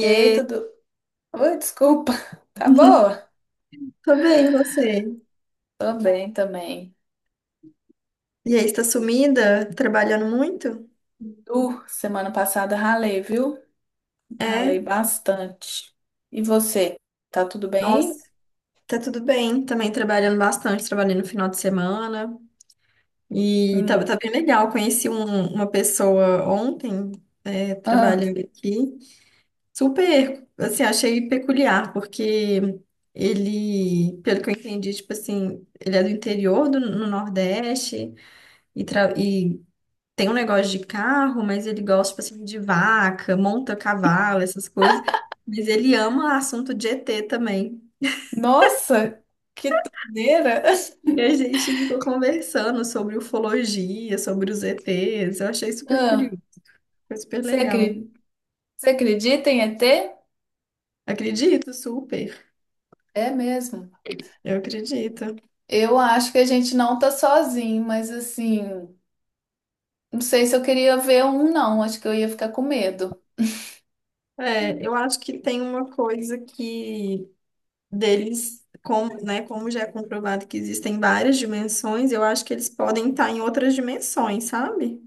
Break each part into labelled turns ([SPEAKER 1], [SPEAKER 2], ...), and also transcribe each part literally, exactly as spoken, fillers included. [SPEAKER 1] Ei, tudo. Oi, desculpa. Tá boa?
[SPEAKER 2] tô bem, e você?
[SPEAKER 1] Tô bem também.
[SPEAKER 2] E aí, está sumida? Trabalhando muito?
[SPEAKER 1] Uh, semana passada ralei, viu? Ralei
[SPEAKER 2] É,
[SPEAKER 1] bastante. E você? Tá tudo
[SPEAKER 2] nossa,
[SPEAKER 1] bem?
[SPEAKER 2] tá tudo bem. Também trabalhando bastante, trabalhei no final de semana. E tá,
[SPEAKER 1] Hum.
[SPEAKER 2] tá bem legal. Conheci um- uma pessoa ontem, é,
[SPEAKER 1] Ah,
[SPEAKER 2] trabalhando aqui. Super, assim, achei peculiar, porque ele, pelo que eu entendi, tipo assim, ele é do interior do, no Nordeste e, tra- e tem um negócio de carro, mas ele gosta, tipo assim, de vaca, monta cavalo, essas coisas. Mas ele ama assunto de E T também.
[SPEAKER 1] nossa, que doideira!
[SPEAKER 2] E a gente ficou conversando sobre ufologia, sobre os E Ts. Eu achei super
[SPEAKER 1] Ah,
[SPEAKER 2] curioso, foi super
[SPEAKER 1] você
[SPEAKER 2] legal.
[SPEAKER 1] acredita? Você acredita em E T?
[SPEAKER 2] Acredito, super.
[SPEAKER 1] É mesmo.
[SPEAKER 2] Eu acredito.
[SPEAKER 1] Eu acho que a gente não tá sozinho, mas assim, não sei se eu queria ver um, não. Acho que eu ia ficar com medo.
[SPEAKER 2] É, eu acho que tem uma coisa que deles, como, né, como já é comprovado que existem várias dimensões, eu acho que eles podem estar em outras dimensões, sabe?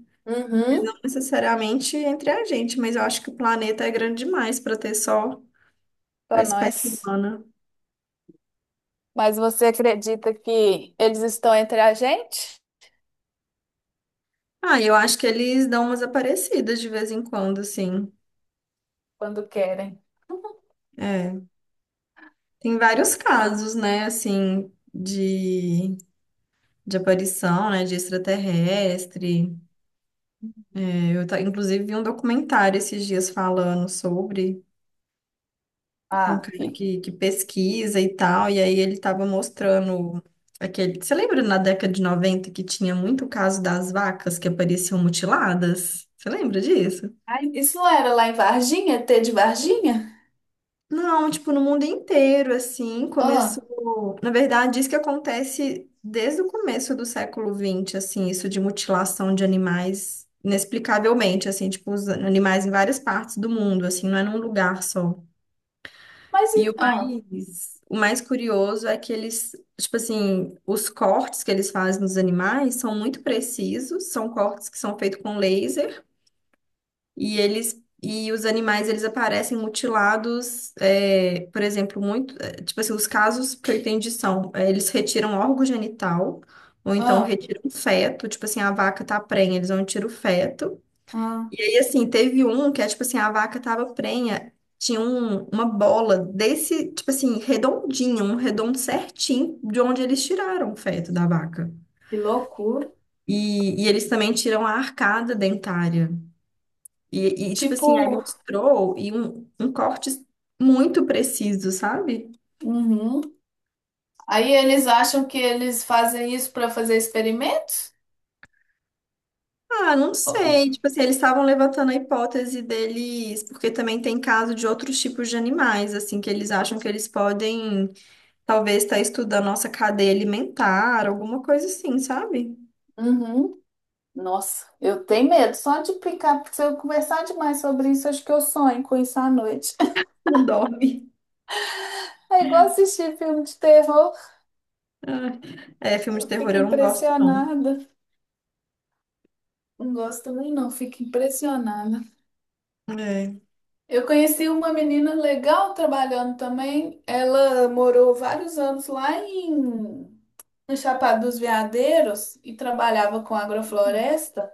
[SPEAKER 2] Mas não
[SPEAKER 1] Uhum.
[SPEAKER 2] necessariamente entre a gente, mas eu acho que o planeta é grande demais para ter só a
[SPEAKER 1] Pra
[SPEAKER 2] espécie
[SPEAKER 1] nós.
[SPEAKER 2] humana.
[SPEAKER 1] Mas você acredita que eles estão entre a gente
[SPEAKER 2] Ah, eu acho que eles dão umas aparecidas de vez em quando, assim.
[SPEAKER 1] quando querem?
[SPEAKER 2] É. Tem vários casos, né, assim, de, de aparição, né, de extraterrestre. É, eu, ta- inclusive, vi um documentário esses dias falando sobre. Um
[SPEAKER 1] Ah,
[SPEAKER 2] cara
[SPEAKER 1] fi.
[SPEAKER 2] que, que pesquisa e tal, e aí ele tava mostrando aquele. Você lembra na década de noventa que tinha muito caso das vacas que apareciam mutiladas? Você lembra disso?
[SPEAKER 1] Ai, isso não era lá em Varginha, T de Varginha?
[SPEAKER 2] Não, tipo, no mundo inteiro, assim,
[SPEAKER 1] Ah,
[SPEAKER 2] começou. Na verdade, isso que acontece desde o começo do século vinte assim, isso de mutilação de animais inexplicavelmente, assim, tipo, os animais em várias partes do mundo, assim, não é num lugar só.
[SPEAKER 1] mas
[SPEAKER 2] E o
[SPEAKER 1] e- ah,
[SPEAKER 2] mais, o mais curioso é que eles, tipo assim, os cortes que eles fazem nos animais são muito precisos, são cortes que são feitos com laser, e eles e os animais eles aparecem mutilados, é, por exemplo, muito, é, tipo assim, os casos que eu entendi são, é, eles retiram órgão genital, ou então
[SPEAKER 1] ah,
[SPEAKER 2] retiram feto, tipo assim, a vaca tá prenha, eles vão tirar o feto.
[SPEAKER 1] ah,
[SPEAKER 2] E aí, assim, teve um que é tipo assim, a vaca tava prenha, tinha um- uma bola desse, tipo assim, redondinho, um redondo certinho de onde eles tiraram o feto da vaca.
[SPEAKER 1] que loucura.
[SPEAKER 2] E, e eles também tiram a arcada dentária. E, e, tipo assim, aí
[SPEAKER 1] Tipo,
[SPEAKER 2] mostrou e um, um corte muito preciso, sabe?
[SPEAKER 1] uhum. Aí eles acham que eles fazem isso para fazer experimentos?
[SPEAKER 2] Ah, não
[SPEAKER 1] Oh,
[SPEAKER 2] sei. Tipo assim, eles estavam levantando a hipótese deles, porque também tem caso de outros tipos de animais, assim, que eles acham que eles podem. Talvez tá estudando nossa cadeia alimentar, alguma coisa assim, sabe?
[SPEAKER 1] uhum. Nossa, eu tenho medo só de picar, porque se eu conversar demais sobre isso, acho que eu sonho com isso à noite.
[SPEAKER 2] Não dorme.
[SPEAKER 1] É igual assistir filme de terror,
[SPEAKER 2] Ai, é, filme de
[SPEAKER 1] eu
[SPEAKER 2] terror
[SPEAKER 1] fico
[SPEAKER 2] eu não gosto, não.
[SPEAKER 1] impressionada. Não gosto também não, fico impressionada.
[SPEAKER 2] É.
[SPEAKER 1] Eu conheci uma menina legal trabalhando também. Ela morou vários anos lá em no Chapada dos Veadeiros e trabalhava com agrofloresta.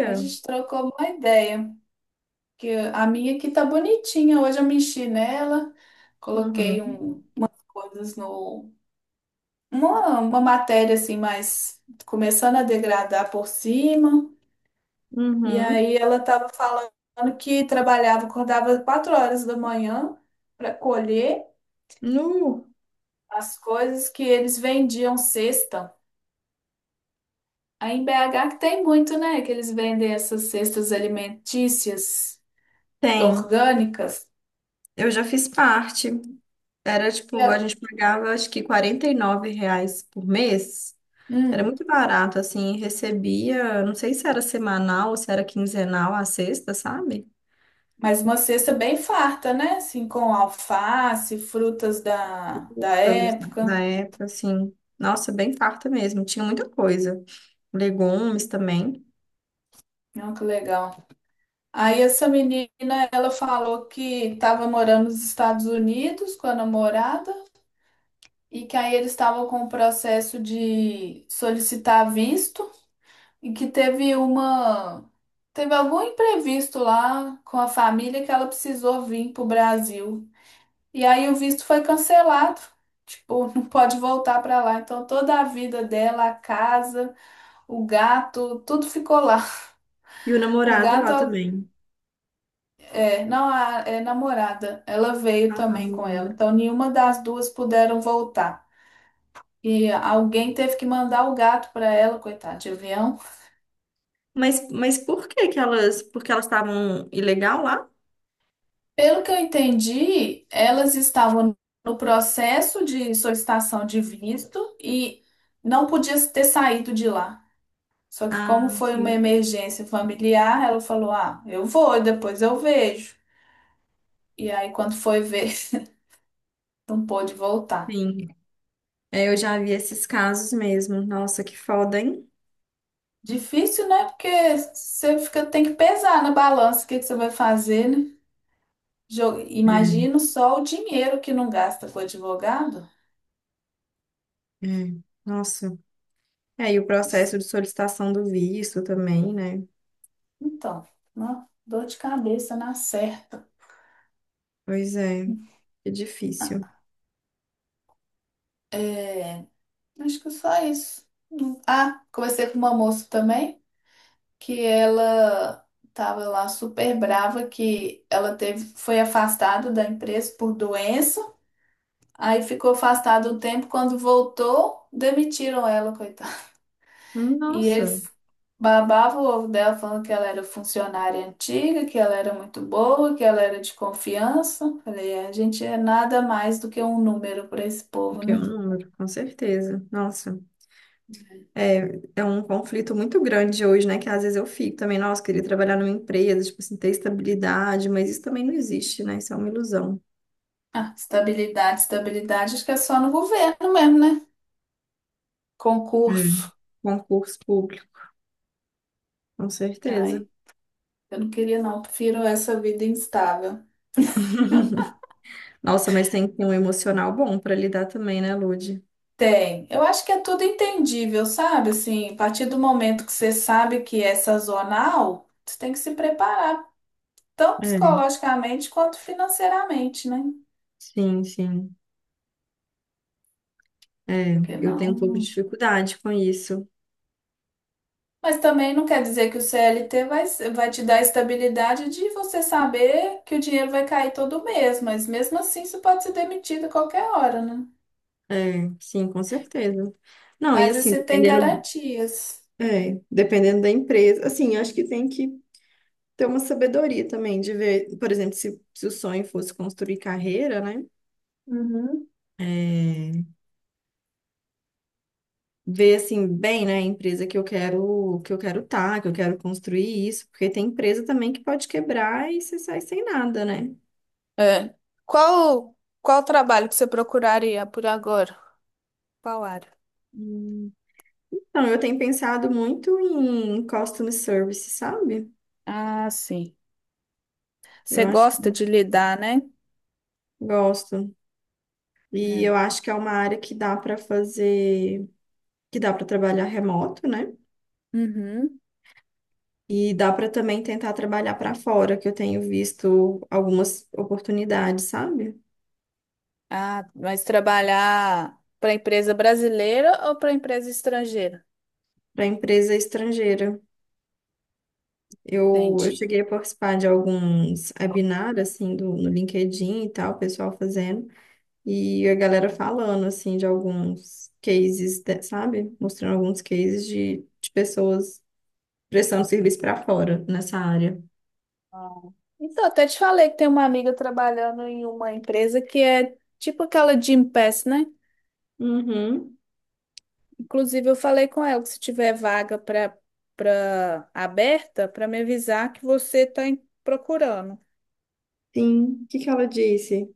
[SPEAKER 1] A gente trocou uma ideia, que a minha aqui tá bonitinha. Hoje eu mexi nela, coloquei
[SPEAKER 2] uhum,
[SPEAKER 1] um coisas no uma, uma matéria assim, mas começando a degradar por cima. E
[SPEAKER 2] uhum.
[SPEAKER 1] aí ela estava falando que trabalhava, acordava quatro horas da manhã para colher
[SPEAKER 2] Nu,
[SPEAKER 1] as coisas que eles vendiam cesta. Aí em B H que tem muito, né? Que eles vendem essas cestas alimentícias
[SPEAKER 2] tem.
[SPEAKER 1] orgânicas.
[SPEAKER 2] Eu já fiz parte. Era
[SPEAKER 1] E
[SPEAKER 2] tipo,
[SPEAKER 1] a-
[SPEAKER 2] a gente pagava acho que quarenta e nove reais por mês. Era
[SPEAKER 1] hum,
[SPEAKER 2] muito barato, assim, recebia, não sei se era semanal ou se era quinzenal a sexta, sabe?
[SPEAKER 1] mas uma cesta bem farta, né? Assim, com alface, frutas da, da
[SPEAKER 2] Toda na
[SPEAKER 1] época.
[SPEAKER 2] época, assim. Nossa, bem farta mesmo. Tinha muita coisa. Legumes também.
[SPEAKER 1] Olha que legal. Aí essa menina, ela falou que estava morando nos Estados Unidos com a namorada e que aí eles estavam com o processo de solicitar visto e que teve uma teve algum imprevisto lá com a família que ela precisou vir pro Brasil. E aí o visto foi cancelado. Tipo, não pode voltar para lá. Então toda a vida dela, a casa, o gato, tudo ficou lá.
[SPEAKER 2] E o
[SPEAKER 1] O
[SPEAKER 2] namorado lá
[SPEAKER 1] gato
[SPEAKER 2] também.
[SPEAKER 1] é, não a é namorada, ela veio
[SPEAKER 2] Ah, tá,
[SPEAKER 1] também com ela.
[SPEAKER 2] namorando.
[SPEAKER 1] Então nenhuma das duas puderam voltar. E alguém teve que mandar o gato para ela, coitada, de avião.
[SPEAKER 2] Mas, mas por que que elas... Porque elas estavam ilegal lá?
[SPEAKER 1] Pelo que eu entendi, elas estavam no processo de solicitação de visto e não podia ter saído de lá. Só que
[SPEAKER 2] Ah,
[SPEAKER 1] como foi uma
[SPEAKER 2] sim,
[SPEAKER 1] emergência familiar, ela falou: "Ah, eu vou, depois eu vejo". E aí quando foi ver, não pôde voltar.
[SPEAKER 2] sim. É, eu já vi esses casos mesmo. Nossa, que foda, hein?
[SPEAKER 1] Difícil, né? Porque você fica, tem que pesar na balança o que que você vai fazer, né? Jo- Imagina só o dinheiro que não gasta com o advogado.
[SPEAKER 2] É, é. Nossa. É, e o processo de solicitação do visto também, né?
[SPEAKER 1] Então, ó, dor de cabeça na certa.
[SPEAKER 2] Pois é, é difícil.
[SPEAKER 1] É, acho que só isso. Hum, ah, conversei com uma moça também, que ela tava lá super brava, que ela teve, foi afastada da empresa por doença, aí ficou afastada um tempo, quando voltou, demitiram ela, coitada. E
[SPEAKER 2] Nossa,
[SPEAKER 1] eles babavam o ovo dela, falando que ela era funcionária antiga, que ela era muito boa, que ela era de confiança. Falei, "É, a gente é nada mais do que um número para esse povo,
[SPEAKER 2] que é
[SPEAKER 1] né?
[SPEAKER 2] um número, com certeza. Nossa. É, é um conflito muito grande hoje, né? Que às vezes eu fico também, nossa, queria trabalhar numa empresa, tipo assim, ter estabilidade, mas isso também não existe, né? Isso é uma ilusão.
[SPEAKER 1] Ah, estabilidade, estabilidade, acho que é só no governo mesmo, né?
[SPEAKER 2] Hum.
[SPEAKER 1] Concurso.
[SPEAKER 2] Concurso público, com certeza.
[SPEAKER 1] Ai, eu não queria não, prefiro essa vida instável.
[SPEAKER 2] Nossa, mas tem que ter um emocional bom para lidar também, né, Lud?
[SPEAKER 1] Tem. Eu acho que é tudo entendível, sabe? Assim, a partir do momento que você sabe que é sazonal, você tem que se preparar, tanto
[SPEAKER 2] É,
[SPEAKER 1] psicologicamente quanto financeiramente, né?
[SPEAKER 2] sim, sim. É,
[SPEAKER 1] Porque
[SPEAKER 2] eu tenho um pouco de
[SPEAKER 1] não.
[SPEAKER 2] dificuldade com isso.
[SPEAKER 1] Mas também não quer dizer que o C L T vai, ser- vai te dar a estabilidade de você saber que o dinheiro vai cair todo mês, mas mesmo assim você pode ser demitido a qualquer hora, né?
[SPEAKER 2] É, sim, com certeza. Não, e
[SPEAKER 1] Mas
[SPEAKER 2] assim,
[SPEAKER 1] você tem
[SPEAKER 2] dependendo,
[SPEAKER 1] garantias.
[SPEAKER 2] é, dependendo da empresa, assim, acho que tem que ter uma sabedoria também de ver, por exemplo, se, se o sonho fosse construir carreira, né?
[SPEAKER 1] Uhum.
[SPEAKER 2] É, ver assim bem, né, a empresa que eu quero que eu quero estar, que eu quero construir isso, porque tem empresa também que pode quebrar e você sai sem nada, né?
[SPEAKER 1] É. Qual, qual trabalho que você procuraria por agora? Qual área?
[SPEAKER 2] Hum, então, eu tenho pensado muito em customer service, sabe?
[SPEAKER 1] Ah, sim.
[SPEAKER 2] Eu
[SPEAKER 1] Você
[SPEAKER 2] acho que
[SPEAKER 1] gosta
[SPEAKER 2] eu
[SPEAKER 1] de lidar, né?
[SPEAKER 2] gosto. E
[SPEAKER 1] É.
[SPEAKER 2] eu acho que é uma área que dá para fazer, que dá para trabalhar remoto, né?
[SPEAKER 1] Uhum.
[SPEAKER 2] E dá para também tentar trabalhar para fora, que eu tenho visto algumas oportunidades, sabe?
[SPEAKER 1] Ah, mas trabalhar para empresa brasileira ou para empresa estrangeira?
[SPEAKER 2] Para empresa estrangeira. Eu, eu
[SPEAKER 1] Entendi.
[SPEAKER 2] cheguei a participar de alguns webinars, assim, do, no LinkedIn e tal, o pessoal fazendo, e a galera falando, assim, de alguns cases, de- sabe? Mostrando alguns cases de, de pessoas prestando serviço para fora nessa área.
[SPEAKER 1] Ah. Então, até te falei que tem uma amiga trabalhando em uma empresa que é tipo aquela Gympass, né?
[SPEAKER 2] Uhum,
[SPEAKER 1] Inclusive, eu falei com ela que se tiver vaga para para aberta, para me avisar que você está procurando.
[SPEAKER 2] sim. O que que ela disse?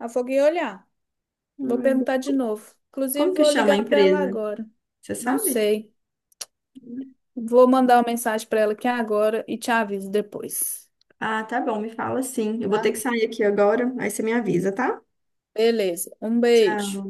[SPEAKER 1] Ela falou que ia olhar. Vou
[SPEAKER 2] Ai, bo-
[SPEAKER 1] perguntar de novo. Inclusive,
[SPEAKER 2] Como que
[SPEAKER 1] vou
[SPEAKER 2] chama a
[SPEAKER 1] ligar para ela
[SPEAKER 2] empresa?
[SPEAKER 1] agora.
[SPEAKER 2] Você
[SPEAKER 1] Não
[SPEAKER 2] sabe?
[SPEAKER 1] sei. Vou mandar uma mensagem para ela aqui agora e te aviso depois,
[SPEAKER 2] Ah, tá bom, me fala sim. Eu vou ter
[SPEAKER 1] tá?
[SPEAKER 2] que sair aqui agora, aí você me avisa, tá?
[SPEAKER 1] Beleza. Um beijo.
[SPEAKER 2] Tchau.